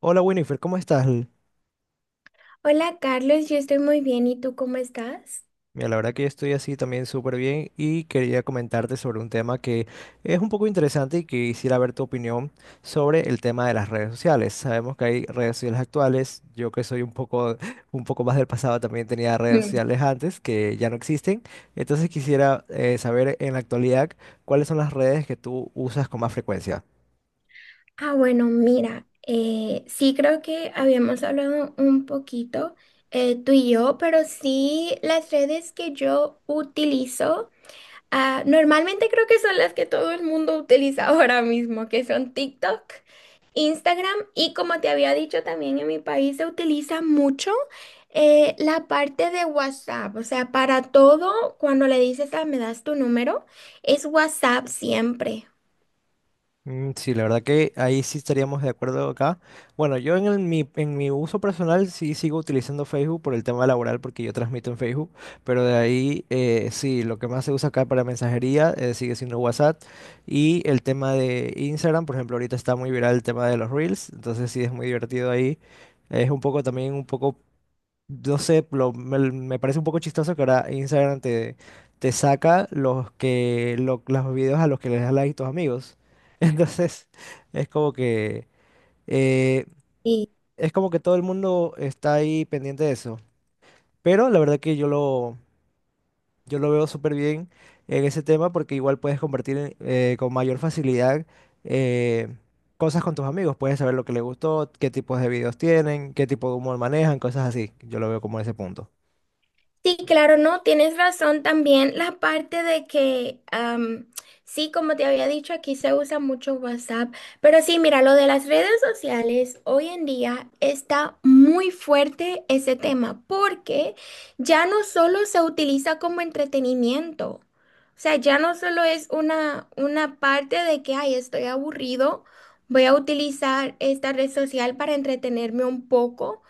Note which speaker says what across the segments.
Speaker 1: Hola Winifred, ¿cómo estás?
Speaker 2: Hola Carlos, yo estoy muy bien. ¿Y tú cómo estás?
Speaker 1: Mira, la verdad que yo estoy así también súper bien y quería comentarte sobre un tema que es un poco interesante y que quisiera ver tu opinión sobre el tema de las redes sociales. Sabemos que hay redes sociales actuales, yo que soy un poco más del pasado también tenía redes
Speaker 2: Mm.
Speaker 1: sociales antes que ya no existen. Entonces quisiera saber en la actualidad cuáles son las redes que tú usas con más frecuencia.
Speaker 2: Ah, bueno, mira, sí creo que habíamos hablado un poquito tú y yo, pero sí las redes que yo utilizo. Ah, normalmente creo que son las que todo el mundo utiliza ahora mismo, que son TikTok, Instagram y como te había dicho también en mi país se utiliza mucho la parte de WhatsApp, o sea, para todo, cuando le dices, ah, me das tu número, es WhatsApp siempre.
Speaker 1: Mm, sí, la verdad que ahí sí estaríamos de acuerdo acá. Bueno, yo en mi uso personal sí sigo utilizando Facebook por el tema laboral porque yo transmito en Facebook, pero de ahí sí, lo que más se usa acá para mensajería sigue siendo WhatsApp y el tema de Instagram, por ejemplo, ahorita está muy viral el tema de los Reels, entonces sí es muy divertido ahí. Es un poco también un poco no sé, me parece un poco chistoso que ahora Instagram te saca los videos a los que les das like tus amigos. Entonces, es como que eh, es como que todo el mundo está ahí pendiente de eso. Pero la verdad que yo lo veo súper bien en ese tema porque igual puedes compartir con mayor facilidad eh, cosas con tus amigos. Puedes saber lo que les gustó, qué tipos de videos tienen, qué tipo de humor manejan, cosas así. Yo lo veo como ese punto.
Speaker 2: Sí, claro, no, tienes razón también la parte de que, sí, como te había dicho, aquí se usa mucho WhatsApp, pero sí, mira, lo de las redes sociales, hoy en día está muy fuerte ese tema, porque ya no solo se utiliza como entretenimiento, o sea, ya no solo es una parte de que, ay, estoy aburrido, voy a utilizar esta red social para entretenerme un poco.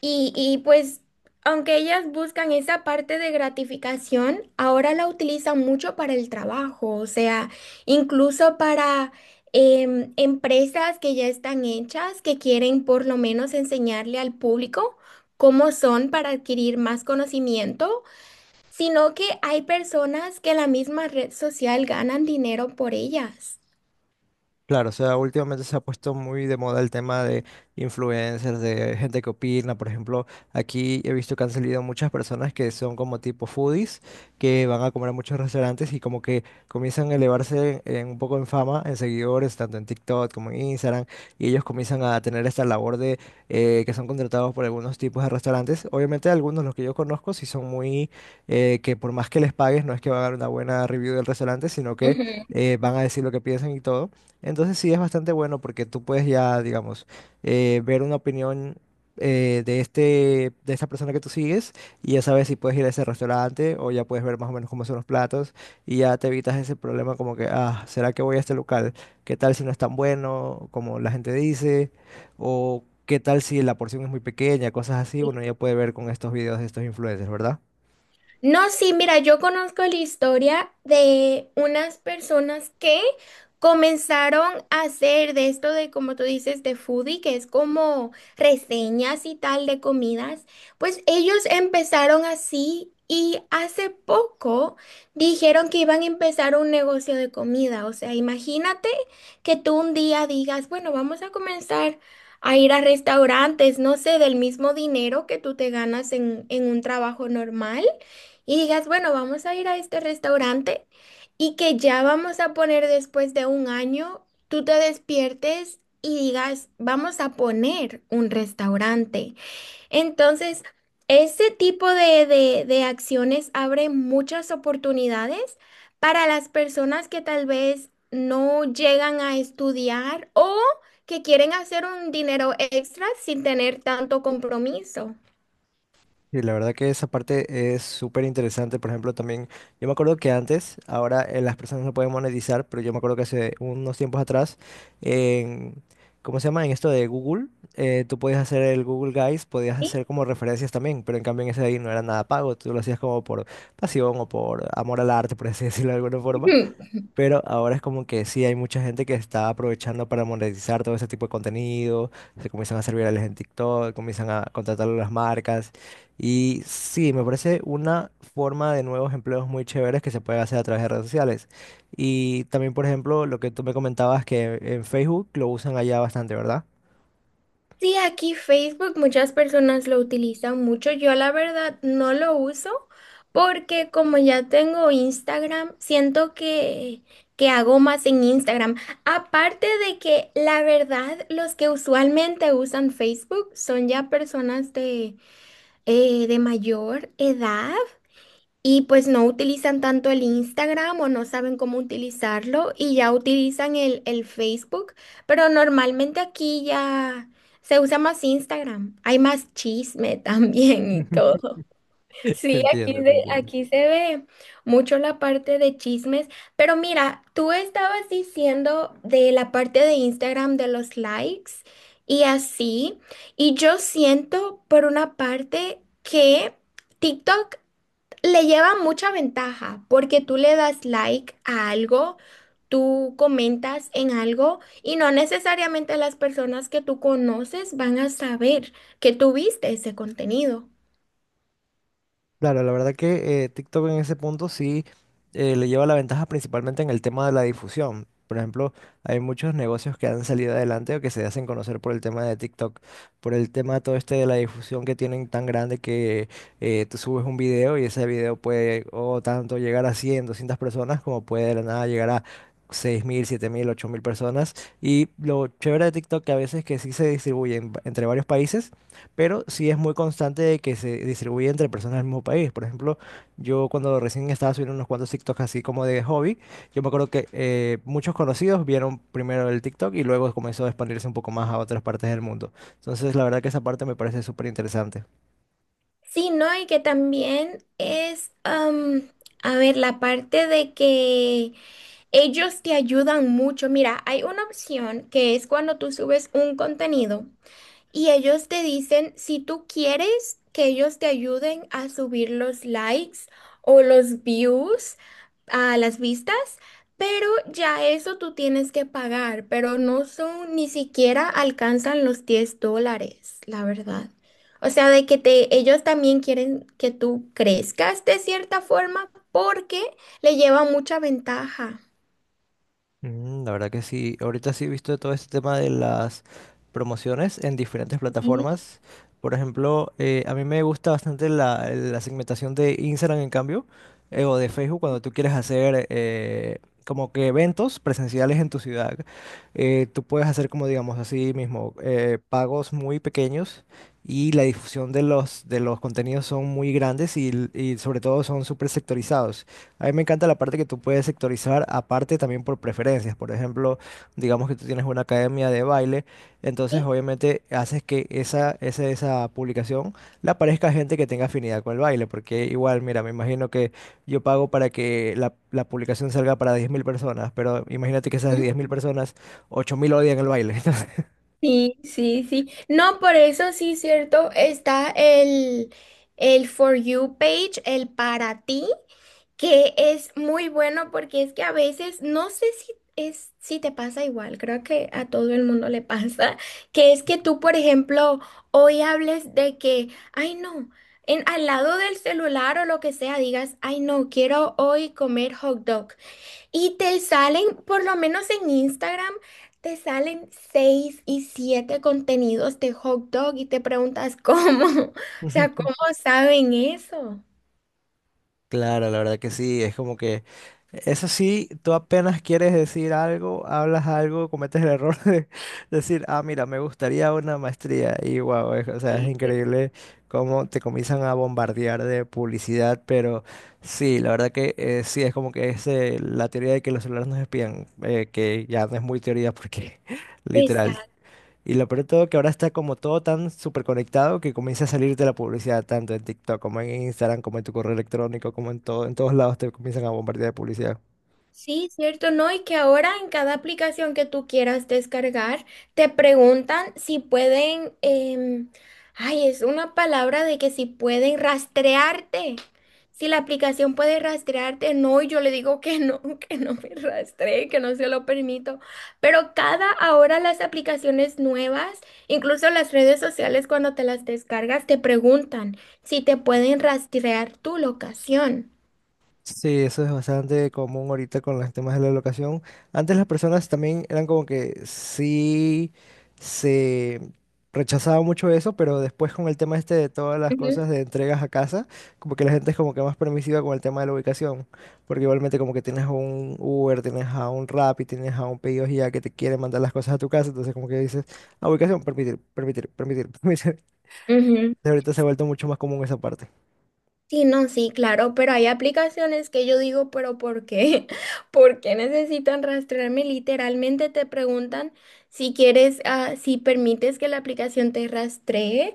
Speaker 2: Y pues, aunque ellas buscan esa parte de gratificación, ahora la utilizan mucho para el trabajo, o sea, incluso para empresas que ya están hechas, que quieren por lo menos enseñarle al público cómo son para adquirir más conocimiento, sino que hay personas que la misma red social ganan dinero por ellas.
Speaker 1: Claro, o sea, últimamente se ha puesto muy de moda el tema de influencers, de gente que opina. Por ejemplo, aquí he visto que han salido muchas personas que son como tipo foodies, que van a comer a muchos restaurantes y como que comienzan a elevarse un poco en fama, en seguidores, tanto en TikTok como en Instagram, y ellos comienzan a tener esta labor de que son contratados por algunos tipos de restaurantes. Obviamente algunos, los que yo conozco, que por más que les pagues, no es que van a dar una buena review del restaurante, sino que van a decir lo que piensan y todo. Entonces sí es bastante bueno porque tú puedes ya, digamos, ver una opinión de esta persona que tú sigues y ya sabes si puedes ir a ese restaurante o ya puedes ver más o menos cómo son los platos y ya te evitas ese problema como que, ah, ¿será que voy a este local? ¿Qué tal si no es tan bueno como la gente dice? ¿O qué tal si la porción es muy pequeña? Cosas así, uno ya puede ver con estos videos de estos influencers, ¿verdad?
Speaker 2: No, sí, mira, yo conozco la historia de unas personas que comenzaron a hacer de esto de, como tú dices, de foodie, que es como reseñas y tal de comidas. Pues ellos empezaron así y hace poco dijeron que iban a empezar un negocio de comida. O sea, imagínate que tú un día digas, bueno, vamos a comenzar a ir a restaurantes, no sé, del mismo dinero que tú te ganas en un trabajo normal y digas, bueno, vamos a ir a este restaurante y que ya vamos a poner después de un año, tú te despiertes y digas, vamos a poner un restaurante. Entonces, ese tipo de acciones abre muchas oportunidades para las personas que tal vez no llegan a estudiar o que quieren hacer un dinero extra sin tener tanto compromiso.
Speaker 1: Sí, la verdad que esa parte es súper interesante. Por ejemplo, también yo me acuerdo que antes, ahora las personas no pueden monetizar, pero yo me acuerdo que hace unos tiempos atrás, en, ¿cómo se llama? En esto de Google, tú podías hacer el Google Guys, podías hacer como referencias también, pero en cambio en ese de ahí no era nada pago, tú lo hacías como por pasión o por amor al arte, por así decirlo de alguna forma.
Speaker 2: ¿Sí?
Speaker 1: Pero ahora es como que sí, hay mucha gente que está aprovechando para monetizar todo ese tipo de contenido, se comienzan a hacer virales en TikTok, comienzan a contratar a las marcas. Y sí, me parece una forma de nuevos empleos muy chéveres que se puede hacer a través de redes sociales. Y también, por ejemplo, lo que tú me comentabas que en Facebook lo usan allá bastante, ¿verdad?
Speaker 2: Sí, aquí Facebook muchas personas lo utilizan mucho. Yo la verdad no lo uso porque como ya tengo Instagram, siento que hago más en Instagram. Aparte de que la verdad los que usualmente usan Facebook son ya personas de mayor edad. Y pues no utilizan tanto el Instagram o no saben cómo utilizarlo y ya utilizan el Facebook, pero normalmente aquí ya se usa más Instagram. Hay más chisme también y todo.
Speaker 1: Te
Speaker 2: Sí, aquí
Speaker 1: entiendo, te
Speaker 2: se,
Speaker 1: entiendo.
Speaker 2: aquí se ve mucho la parte de chismes, pero mira, tú estabas diciendo de la parte de Instagram de los likes y así, y yo siento por una parte que... TikTok le lleva mucha ventaja porque tú le das like a algo, tú comentas en algo y no necesariamente las personas que tú conoces van a saber que tú viste ese contenido.
Speaker 1: Claro, la verdad que TikTok en ese punto sí le lleva la ventaja principalmente en el tema de la difusión. Por ejemplo, hay muchos negocios que han salido adelante o que se hacen conocer por el tema de TikTok, por el tema todo este de la difusión que tienen tan grande que tú subes un video y ese video puede o tanto llegar a 100, 200 personas como puede de la nada llegar a 6,000, 7,000, 8,000 personas. Y lo chévere de TikTok que a veces que sí se distribuye entre varios países pero sí es muy constante de que se distribuye entre personas del mismo país. Por ejemplo, yo cuando recién estaba subiendo unos cuantos TikToks así como de hobby, yo me acuerdo que muchos conocidos vieron primero el TikTok y luego comenzó a expandirse un poco más a otras partes del mundo. Entonces, la verdad que esa parte me parece súper interesante.
Speaker 2: Sí, no, y que también es, a ver, la parte de que ellos te ayudan mucho. Mira, hay una opción que es cuando tú subes un contenido. Y ellos te dicen si tú quieres que ellos te ayuden a subir los likes o los views a las vistas, pero ya eso tú tienes que pagar, pero no son, ni siquiera alcanzan los $10, la verdad. O sea, de que te, ellos también quieren que tú crezcas de cierta forma porque le lleva mucha ventaja.
Speaker 1: Mm, la verdad que sí, ahorita sí he visto todo este tema de las promociones en diferentes plataformas. Por ejemplo, a mí me gusta bastante la segmentación de Instagram en cambio, o de Facebook cuando tú quieres hacer como que eventos presenciales en tu ciudad. Eh, tú puedes hacer como digamos así mismo, pagos muy pequeños y la difusión de los contenidos son muy grandes y sobre todo son súper sectorizados. A mí me encanta la parte que tú puedes sectorizar, aparte también por preferencias. Por ejemplo, digamos que tú tienes una academia de baile, entonces obviamente haces que esa publicación le aparezca a gente que tenga afinidad con el baile, porque igual, mira, me imagino que yo pago para que la publicación salga para 10,000 personas, pero imagínate que esas
Speaker 2: Sí.
Speaker 1: 10,000 personas, 8.000 odian el baile.
Speaker 2: Sí, sí, sí. No, por eso sí, cierto, está el For You page, el para ti, que es muy bueno porque es que a veces, no sé si te pasa igual, creo que a todo el mundo le pasa, que es que tú, por ejemplo, hoy hables de que, ay no, al lado del celular o lo que sea, digas, ay no, quiero hoy comer hot dog. Y te salen, por lo menos en Instagram, te salen seis y siete contenidos de hot dog y te preguntas cómo, o sea,
Speaker 1: Entonces,
Speaker 2: ¿cómo saben eso?
Speaker 1: claro, la verdad que sí, es como que eso sí, tú apenas quieres decir algo, hablas algo, cometes el error de decir, ah, mira, me gustaría una maestría y wow, o sea, es increíble cómo te comienzan a bombardear de publicidad, pero sí, la verdad que sí, es como que es la teoría de que los celulares nos espían, que ya no es muy teoría porque literal, y lo peor de todo que ahora está como todo tan súper conectado que comienza a salirte la publicidad tanto en TikTok como en Instagram, como en tu correo electrónico, como en todo, en todos lados te comienzan a bombardear de publicidad.
Speaker 2: Sí, cierto, ¿no? Y que ahora en cada aplicación que tú quieras descargar, te preguntan si pueden, ay, es una palabra de que si pueden rastrearte. Si la aplicación puede rastrearte, no, y yo le digo que no, que no me rastree, que no se lo permito. Pero cada ahora las aplicaciones nuevas, incluso las redes sociales cuando te las descargas, te preguntan si te pueden rastrear tu locación.
Speaker 1: Sí, eso es bastante común ahorita con los temas de la locación. Antes las personas también eran como que sí se rechazaba mucho eso, pero después con el tema este de todas las
Speaker 2: Ujú.
Speaker 1: cosas de entregas a casa, como que la gente es como que más permisiva con el tema de la ubicación, porque igualmente como que tienes un Uber, tienes a un Rappi, tienes a un Pedidos Ya que te quiere mandar las cosas a tu casa, entonces como que dices, ah, ubicación, permitir, permitir, permitir, permitir.
Speaker 2: Ujú.
Speaker 1: Ahorita se ha vuelto mucho más común esa parte.
Speaker 2: Sí, no, sí, claro, pero hay aplicaciones que yo digo, pero ¿por qué? ¿Por qué necesitan rastrearme? Literalmente te preguntan si quieres, ah, si permites que la aplicación te rastree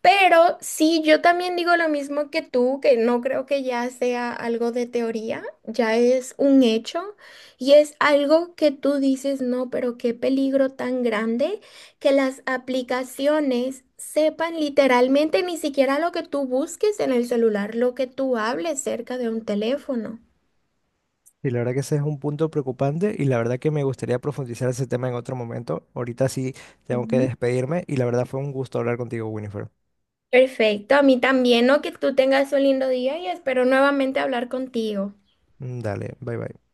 Speaker 2: pero sí, yo también digo lo mismo que tú, que no creo que ya sea algo de teoría, ya es un hecho y es algo que tú dices, no, pero qué peligro tan grande que las aplicaciones sepan literalmente ni siquiera lo que tú busques en el celular, lo que tú hables cerca de un teléfono.
Speaker 1: Y la verdad que ese es un punto preocupante y la verdad que me gustaría profundizar ese tema en otro momento. Ahorita sí tengo que
Speaker 2: Ujú.
Speaker 1: despedirme y la verdad fue un gusto hablar contigo, Winifred.
Speaker 2: Perfecto, a mí también, ¿no? Que tú tengas un lindo día y espero nuevamente hablar contigo.
Speaker 1: Mm, dale, bye bye.